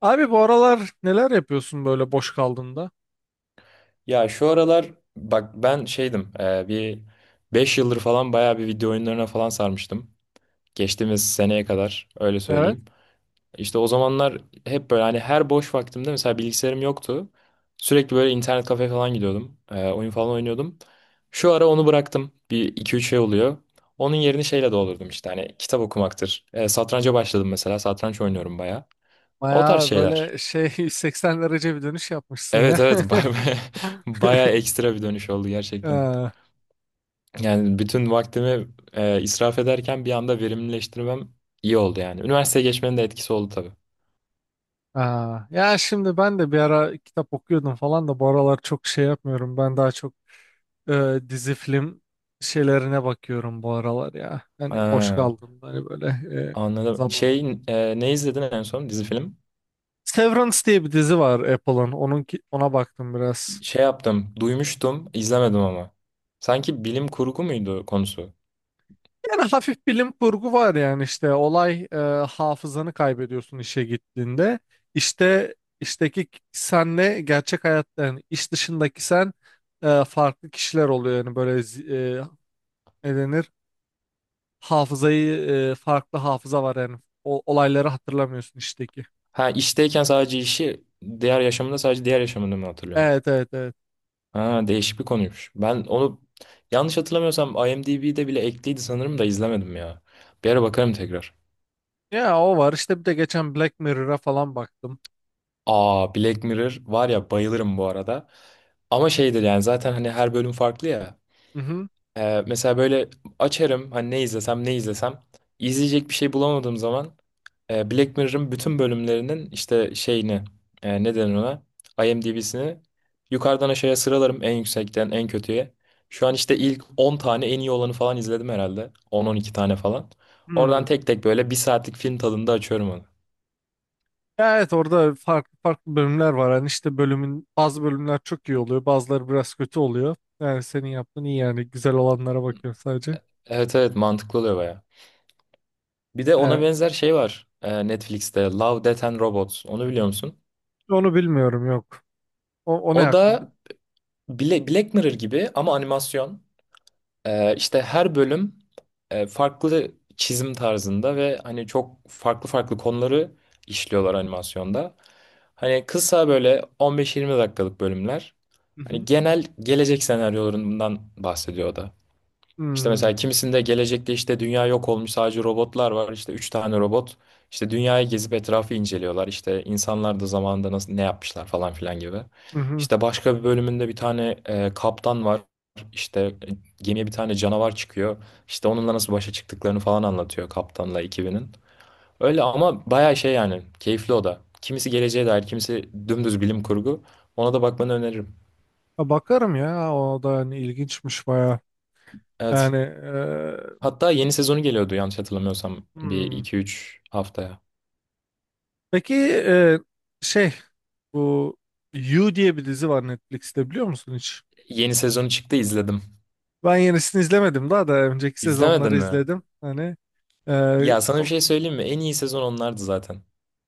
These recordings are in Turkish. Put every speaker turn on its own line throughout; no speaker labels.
Abi bu aralar neler yapıyorsun böyle boş kaldığında?
Ya şu aralar bak ben şeydim bir 5 yıldır falan bayağı bir video oyunlarına falan sarmıştım. Geçtiğimiz seneye kadar öyle
Evet.
söyleyeyim. İşte o zamanlar hep böyle hani her boş vaktimde mesela bilgisayarım yoktu. Sürekli böyle internet kafe falan gidiyordum. Oyun falan oynuyordum. Şu ara onu bıraktım. Bir iki üç şey oluyor. Onun yerini şeyle doldurdum işte hani kitap okumaktır. Satranca başladım mesela satranç oynuyorum bayağı. O tarz
Bayağı
şeyler.
böyle şey 180 derece bir dönüş yapmışsın
Evet
ya.
evet bayağı, bayağı ekstra bir dönüş oldu gerçekten.
Ee,
Yani bütün vaktimi israf ederken bir anda verimlileştirmem iyi oldu yani. Üniversiteye geçmenin de etkisi oldu tabii.
aa. Ya şimdi ben de bir ara kitap okuyordum falan da bu aralar çok şey yapmıyorum. Ben daha çok dizi film şeylerine bakıyorum bu aralar ya. Hani boş
Ha,
kaldığımda hani böyle e,
anladım.
zaman
Şey
oldu.
ne izledin en son dizi film?
Severance diye bir dizi var Apple'ın. Ona baktım biraz.
Şey yaptım, duymuştum, izlemedim ama. Sanki bilim kurgu muydu konusu?
Yani hafif bilim kurgu var yani işte olay hafızanı kaybediyorsun işe gittiğinde. İşte işteki senle gerçek hayatta yani iş dışındaki sen farklı kişiler oluyor yani böyle ne denir, hafızayı farklı hafıza var yani o, olayları hatırlamıyorsun işteki.
Ha, işteyken sadece işi, diğer yaşamında sadece diğer yaşamını mı hatırlıyorsun?
Evet evet evet.
Ha, değişik bir konuymuş. Ben onu yanlış hatırlamıyorsam IMDb'de bile ekliydi sanırım da izlemedim ya. Bir ara bakarım tekrar.
Ya o var işte bir de geçen Black Mirror'a falan baktım.
Aa, Black Mirror var ya bayılırım bu arada. Ama şeydir yani zaten hani her bölüm farklı ya.
Hı hı.
Mesela böyle açarım hani ne izlesem ne izlesem. İzleyecek bir şey bulamadığım zaman Black Mirror'ın bütün bölümlerinin işte şeyini ne denir ona? IMDb'sini yukarıdan aşağıya sıralarım en yüksekten en kötüye. Şu an işte ilk 10 tane en iyi olanı falan izledim herhalde. 10-12 tane falan.
Hmm.
Oradan tek tek böyle bir saatlik film tadında açıyorum onu.
Ya evet orada farklı farklı bölümler var. Hani işte bazı bölümler çok iyi oluyor. Bazıları biraz kötü oluyor. Yani senin yaptığın iyi yani. Güzel olanlara bakıyorum sadece.
Evet evet, mantıklı oluyor baya. Bir de ona
Yani
benzer şey var, Netflix'te Love, Death and Robots. Onu biliyor musun?
onu bilmiyorum, yok. O ne
O
hakkında?
da Black Mirror gibi ama animasyon. İşte her bölüm farklı çizim tarzında ve hani çok farklı farklı konuları işliyorlar animasyonda. Hani kısa böyle 15-20 dakikalık bölümler.
Hı
Hani
hı.
genel gelecek senaryolarından bahsediyor o da. İşte
Hmm,
mesela kimisinde gelecekte işte dünya yok olmuş, sadece robotlar var. İşte üç tane robot işte dünyayı gezip etrafı inceliyorlar. İşte insanlar da zamanında nasıl ne yapmışlar falan filan gibi.
hı hı.
İşte başka bir bölümünde bir tane kaptan var. İşte gemiye bir tane canavar çıkıyor. İşte onunla nasıl başa çıktıklarını falan anlatıyor kaptanla ekibinin. Öyle ama bayağı şey yani, keyifli o da. Kimisi geleceğe dair, kimisi dümdüz bilim kurgu. Ona da bakmanı öneririm.
Ha, bakarım ya. O da hani ilginçmiş baya.
Evet.
Yani
Hatta yeni sezonu geliyordu yanlış hatırlamıyorsam bir
hmm.
iki üç haftaya.
Peki şey, bu You diye bir dizi var Netflix'te, biliyor musun hiç?
Yeni sezonu çıktı izledim.
Ben yenisini izlemedim, daha da önceki
İzlemedin
sezonları
mi?
izledim. Hani ee,
Ya sana bir şey söyleyeyim mi? En iyi sezon onlardı zaten.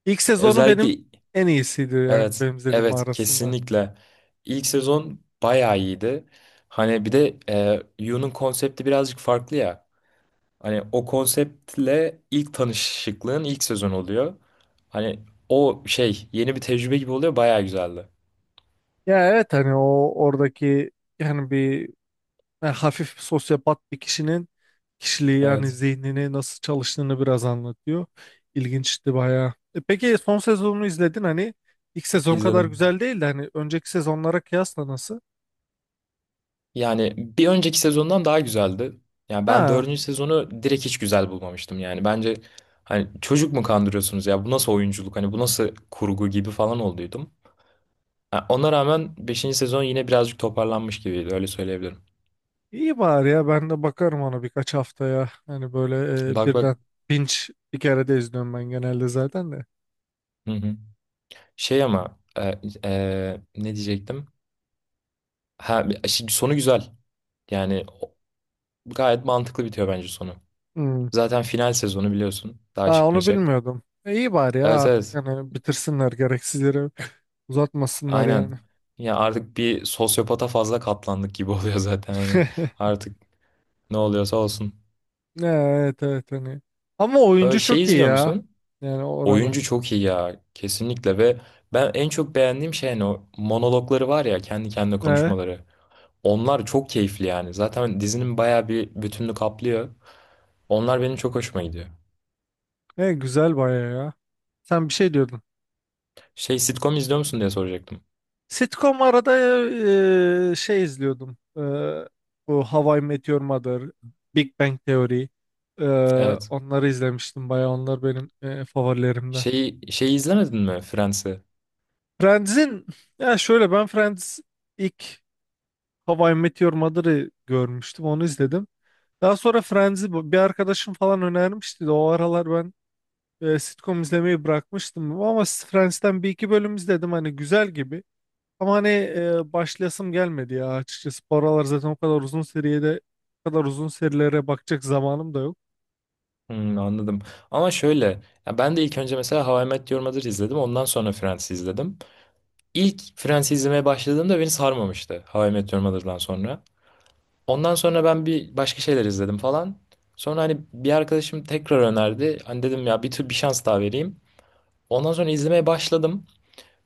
İlk sezonu
Özellikle
benim en iyisiydi yani
evet,
benim izlediğim
evet,
arasında.
kesinlikle. İlk sezon bayağı iyiydi. Hani bir de Yu'nun konsepti birazcık farklı ya. Hani o konseptle ilk tanışıklığın ilk sezon oluyor. Hani o şey yeni bir tecrübe gibi oluyor, bayağı güzeldi.
Ya evet hani o oradaki yani bir yani hafif sosyopat bir kişinin kişiliği yani
Evet
zihnini nasıl çalıştığını biraz anlatıyor. İlginçti bayağı. E peki son sezonunu izledin, hani ilk sezon kadar
izledim.
güzel değil de hani önceki sezonlara kıyasla nasıl?
Yani bir önceki sezondan daha güzeldi. Yani ben
Ha,
dördüncü sezonu direkt hiç güzel bulmamıştım. Yani bence hani çocuk mu kandırıyorsunuz ya, bu nasıl oyunculuk hani bu nasıl kurgu gibi falan olduydum. Ha, ona rağmen beşinci sezon yine birazcık toparlanmış gibiydi öyle söyleyebilirim.
iyi bari ya, ben de bakarım ona birkaç haftaya, hani böyle
Bak bak.
birden binge bir kere de izliyorum ben genelde zaten de.
Hı hı. Şey ama ne diyecektim? Ha, şimdi sonu güzel. Yani gayet mantıklı bitiyor bence sonu.
Hmm.
Zaten final sezonu biliyorsun daha
Aa, onu
çıkmayacak.
bilmiyordum. E, iyi bari ya
Evet
artık
evet,
hani bitirsinler, gereksiz yere uzatmasınlar yani.
aynen. Ya artık bir sosyopata fazla katlandık gibi oluyor zaten yani. Artık ne oluyorsa olsun.
Ne, evet evet hani. Ama oyuncu
Şey
çok iyi
izliyor
ya.
musun?
Yani
Oyuncu
oranın.
çok iyi ya. Kesinlikle, ve ben en çok beğendiğim şey hani o monologları var ya, kendi kendine
E,
konuşmaları. Onlar çok keyifli yani. Zaten dizinin bayağı bir bütününü kaplıyor. Onlar benim çok hoşuma gidiyor.
Güzel baya ya. Sen bir şey diyordun.
Şey, sitcom izliyor musun diye soracaktım.
Sitcom arada şey izliyordum. Bu How I Met Your Mother, Big Bang Theory. E,
Evet.
Onları izlemiştim baya. Onlar benim favorilerimden.
Şeyi izlemedin mi, Friends'i?
Friends'in Ya şöyle, ben Friends ilk How I Met Your Mother'ı görmüştüm. Onu izledim. Daha sonra Friends'i bir arkadaşım falan önermişti de o aralar ben sitcom izlemeyi bırakmıştım. Ama Friends'ten bir iki bölüm izledim. Hani güzel gibi. Ama hani başlayasım gelmedi ya açıkçası. Bu aralar zaten o kadar uzun serilere bakacak zamanım da yok.
Hmm, anladım. Ama şöyle, ya ben de ilk önce mesela How I Met Your Mother izledim. Ondan sonra Friends izledim. İlk Friends izlemeye başladığımda beni sarmamıştı How I Met Your Mother'dan sonra. Ondan sonra ben bir başka şeyler izledim falan. Sonra hani bir arkadaşım tekrar önerdi. Hani dedim ya bir tür bir şans daha vereyim. Ondan sonra izlemeye başladım.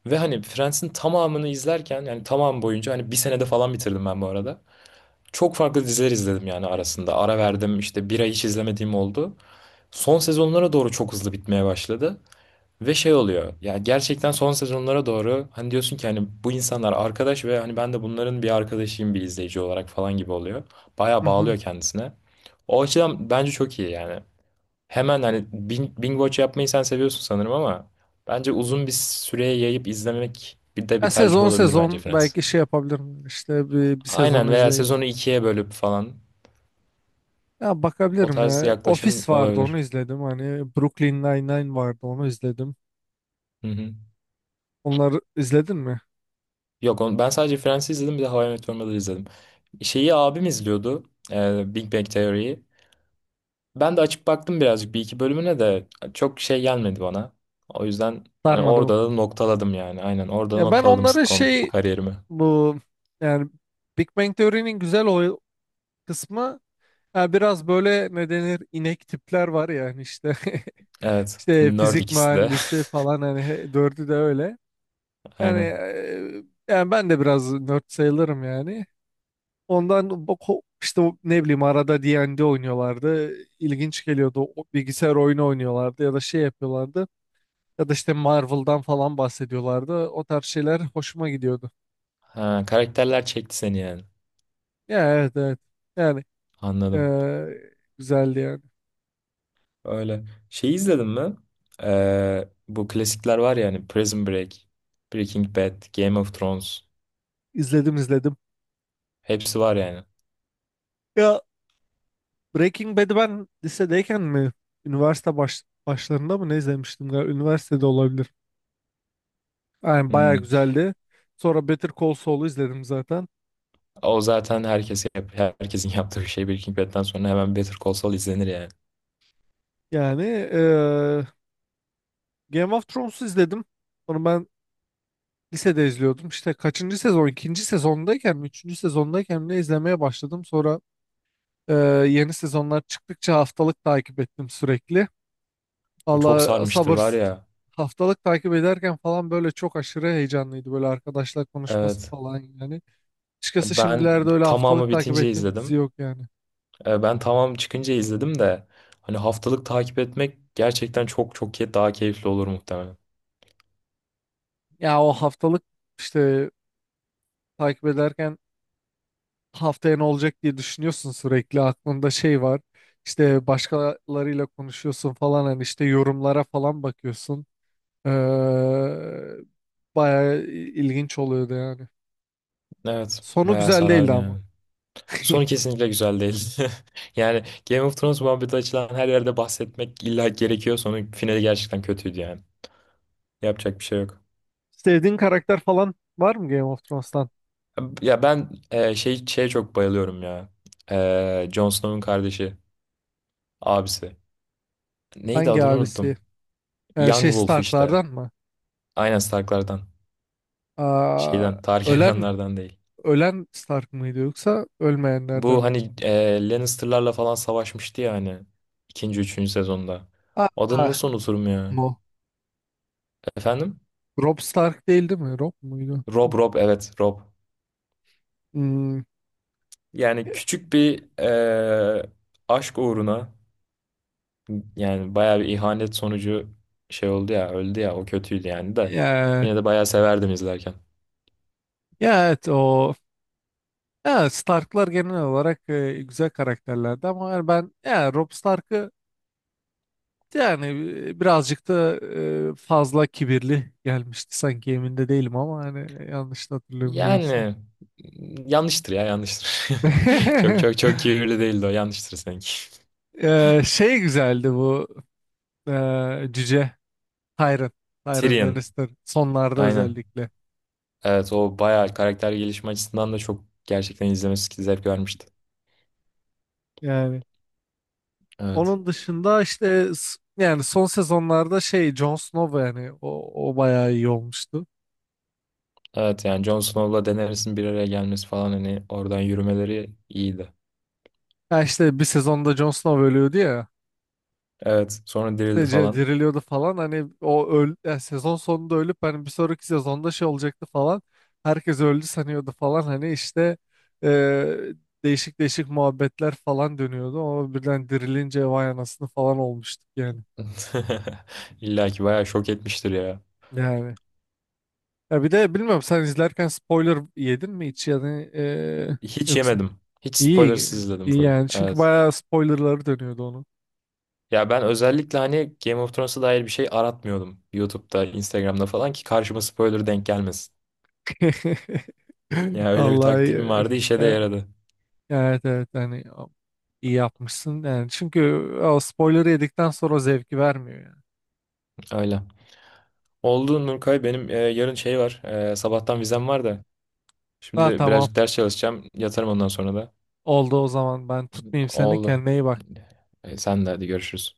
Ve hani Friends'in tamamını izlerken yani tamam boyunca hani bir senede falan bitirdim ben bu arada. Çok farklı diziler izledim yani arasında. Ara verdim işte bir ay hiç izlemediğim oldu, son sezonlara doğru çok hızlı bitmeye başladı. Ve şey oluyor ya, gerçekten son sezonlara doğru hani diyorsun ki hani bu insanlar arkadaş ve hani ben de bunların bir arkadaşıyım bir izleyici olarak falan gibi oluyor. Bayağı
Hı hı.
bağlıyor kendisine. O açıdan bence çok iyi yani. Hemen hani binge watch yapmayı sen seviyorsun sanırım ama bence uzun bir süreye yayıp izlemek bir de
Ya
bir tercih
sezon
olabilir bence
sezon
Friends.
belki şey yapabilirim. İşte bir
Aynen,
sezonu
veya
izleyip
sezonu ikiye bölüp falan
ya
o
bakabilirim
tarz
ya.
yaklaşım
Office vardı, onu
olabilir.
izledim. Hani Brooklyn Nine-Nine vardı, onu izledim.
Hı hı.
Onları izledin mi?
Yok onu, ben sadece Friends'i izledim bir de How I Met Your Mother'ı izledim. Şeyi abim izliyordu, Big Bang Theory'yi. Ben de açıp baktım birazcık bir iki bölümüne de çok şey gelmedi bana. O yüzden hani
Sarmadı mı?
orada da noktaladım yani. Aynen, orada
Ya ben
noktaladım
onları
sitcom
şey,
kariyerimi.
bu yani Big Bang Theory'nin güzel o kısmı, ya biraz böyle ne denir inek tipler var yani işte
Evet.
işte
Nerd
fizik
ikisi de.
mühendisi falan hani dördü de öyle. Yani
Aynen.
yani ben de biraz nerd sayılırım yani. Ondan işte o ne bileyim arada D&D oynuyorlardı. İlginç geliyordu. O bilgisayar oyunu oynuyorlardı ya da şey yapıyorlardı. Ya da işte Marvel'dan falan bahsediyorlardı. O tarz şeyler hoşuma gidiyordu.
Ha, karakterler çekti seni yani.
Ya evet evet. Yani
Anladım.
güzeldi yani.
Öyle. Şeyi izledin mi? Bu klasikler var ya hani Prison Break, Breaking Bad, Game of Thrones.
İzledim izledim.
Hepsi var yani.
Ya Breaking Bad'i ben lisedeyken mi? Üniversite başlarında mı ne izlemiştim galiba? Üniversitede olabilir. Yani bayağı
Hmm.
güzeldi. Sonra Better Call Saul'u izledim zaten.
O zaten herkesin yaptığı bir şey, Breaking Bad'den sonra hemen Better Call Saul izlenir yani.
Yani Game of Thrones'u izledim. Onu ben lisede izliyordum. İşte kaçıncı sezon? İkinci sezondayken mi? Üçüncü sezondayken mi ne izlemeye başladım. Sonra Ee, yeni sezonlar çıktıkça haftalık takip ettim sürekli.
O çok
Valla
sarmıştır
sabır,
var ya.
haftalık takip ederken falan böyle çok aşırı heyecanlıydı. Böyle arkadaşlar konuşması
Evet.
falan yani. Açıkçası
Ben
şimdilerde öyle
tamamı
haftalık takip
bitince
ettiğim dizi
izledim.
yok yani.
Ben tamam çıkınca izledim de hani haftalık takip etmek gerçekten çok çok daha keyifli olur muhtemelen.
Ya o haftalık işte takip ederken haftaya ne olacak diye düşünüyorsun sürekli. Aklında şey var. İşte başkalarıyla konuşuyorsun falan, hani işte yorumlara falan bakıyorsun. Ee, Bayağı ilginç oluyordu yani.
Evet.
Sonu
Bayağı
güzel değildi
sarardı
ama.
yani. Sonu kesinlikle güzel değil. Yani Game of Thrones muhabbeti açılan her yerde bahsetmek illa gerekiyor. Sonu, finali gerçekten kötüydü yani. Yapacak bir şey yok.
Sevdiğin karakter falan var mı Game of Thrones'tan?
Ya ben şey şeye çok bayılıyorum ya. Jon Snow'un kardeşi, abisi. Neydi,
Hangi
adını
abisi?
unuttum.
Yani
Young
şey
Wolf işte.
Stark'lardan mı?
Aynen, Stark'lardan.
Aa,
Şeyden,
ölen
Targaryen'lardan değil.
ölen Stark mıydı yoksa ölmeyenlerden
Bu
mi?
hani Lannister'larla falan savaşmıştı ya hani. İkinci, üçüncü sezonda. Adını
Aa,
nasıl unuturum ya?
Mo.
Efendim?
Robb Stark değil mi? Robb muydu?
Rob, Rob, evet Rob.
Hmm,
Yani küçük bir aşk uğruna yani bayağı bir ihanet sonucu şey oldu ya, öldü ya, o kötüydü yani de.
ya,
Yine de bayağı severdim izlerken.
ya evet o ya Stark'lar genel olarak güzel karakterlerdi ama yani ben ya Robb Stark'ı. Yani birazcık da fazla kibirli gelmişti sanki, emin de değilim ama hani yanlış da hatırlamıyorsam.
Yani yanlıştır ya, yanlıştır. Çok çok çok kibirli değildi o, yanlıştır sanki.
Şey güzeldi, bu cüce Tyrion. Tyrion
Tyrion,
Lannister sonlarda
aynen.
özellikle.
Evet, o bayağı karakter gelişme açısından da çok gerçekten izlemesi zevk vermişti.
Yani
Evet.
onun dışında işte yani son sezonlarda şey Jon Snow yani o bayağı iyi olmuştu.
Evet yani Jon Snow'la Daenerys'in bir araya gelmesi falan hani oradan yürümeleri iyiydi.
Ya işte bir sezonda Jon Snow ölüyordu ya.
Evet, sonra dirildi
ce-
falan.
diriliyordu falan, hani o öl yani sezon sonunda ölüp hani bir sonraki sezonda şey olacaktı falan, herkes öldü sanıyordu falan, hani işte e, değişik değişik muhabbetler falan dönüyordu ama birden dirilince vay anasını falan olmuştuk yani.
İlla ki bayağı şok etmiştir ya.
yani Ya bir de bilmiyorum, sen izlerken spoiler yedin mi hiç yani
Hiç
yoksa?
yemedim. Hiç
İyi
spoilersız izledim
iyi
full.
yani çünkü
Evet.
bayağı spoilerları dönüyordu onun.
Ya ben özellikle hani Game of Thrones'a dair bir şey aratmıyordum YouTube'da, Instagram'da falan, ki karşıma spoiler denk gelmesin. Ya öyle bir taktiğim
Vallahi
vardı, işe de
e,
yaradı.
evet evet hani iyi yapmışsın yani çünkü o spoiler'ı yedikten sonra o zevki vermiyor yani.
Öyle. Oldu Nurkay, benim yarın şey var. Sabahtan vizem var da.
Ha,
Şimdi
tamam
birazcık ders çalışacağım. Yatarım ondan sonra da.
oldu o zaman, ben tutmayayım seni,
Oldu.
kendine iyi bak.
Sen de hadi, görüşürüz.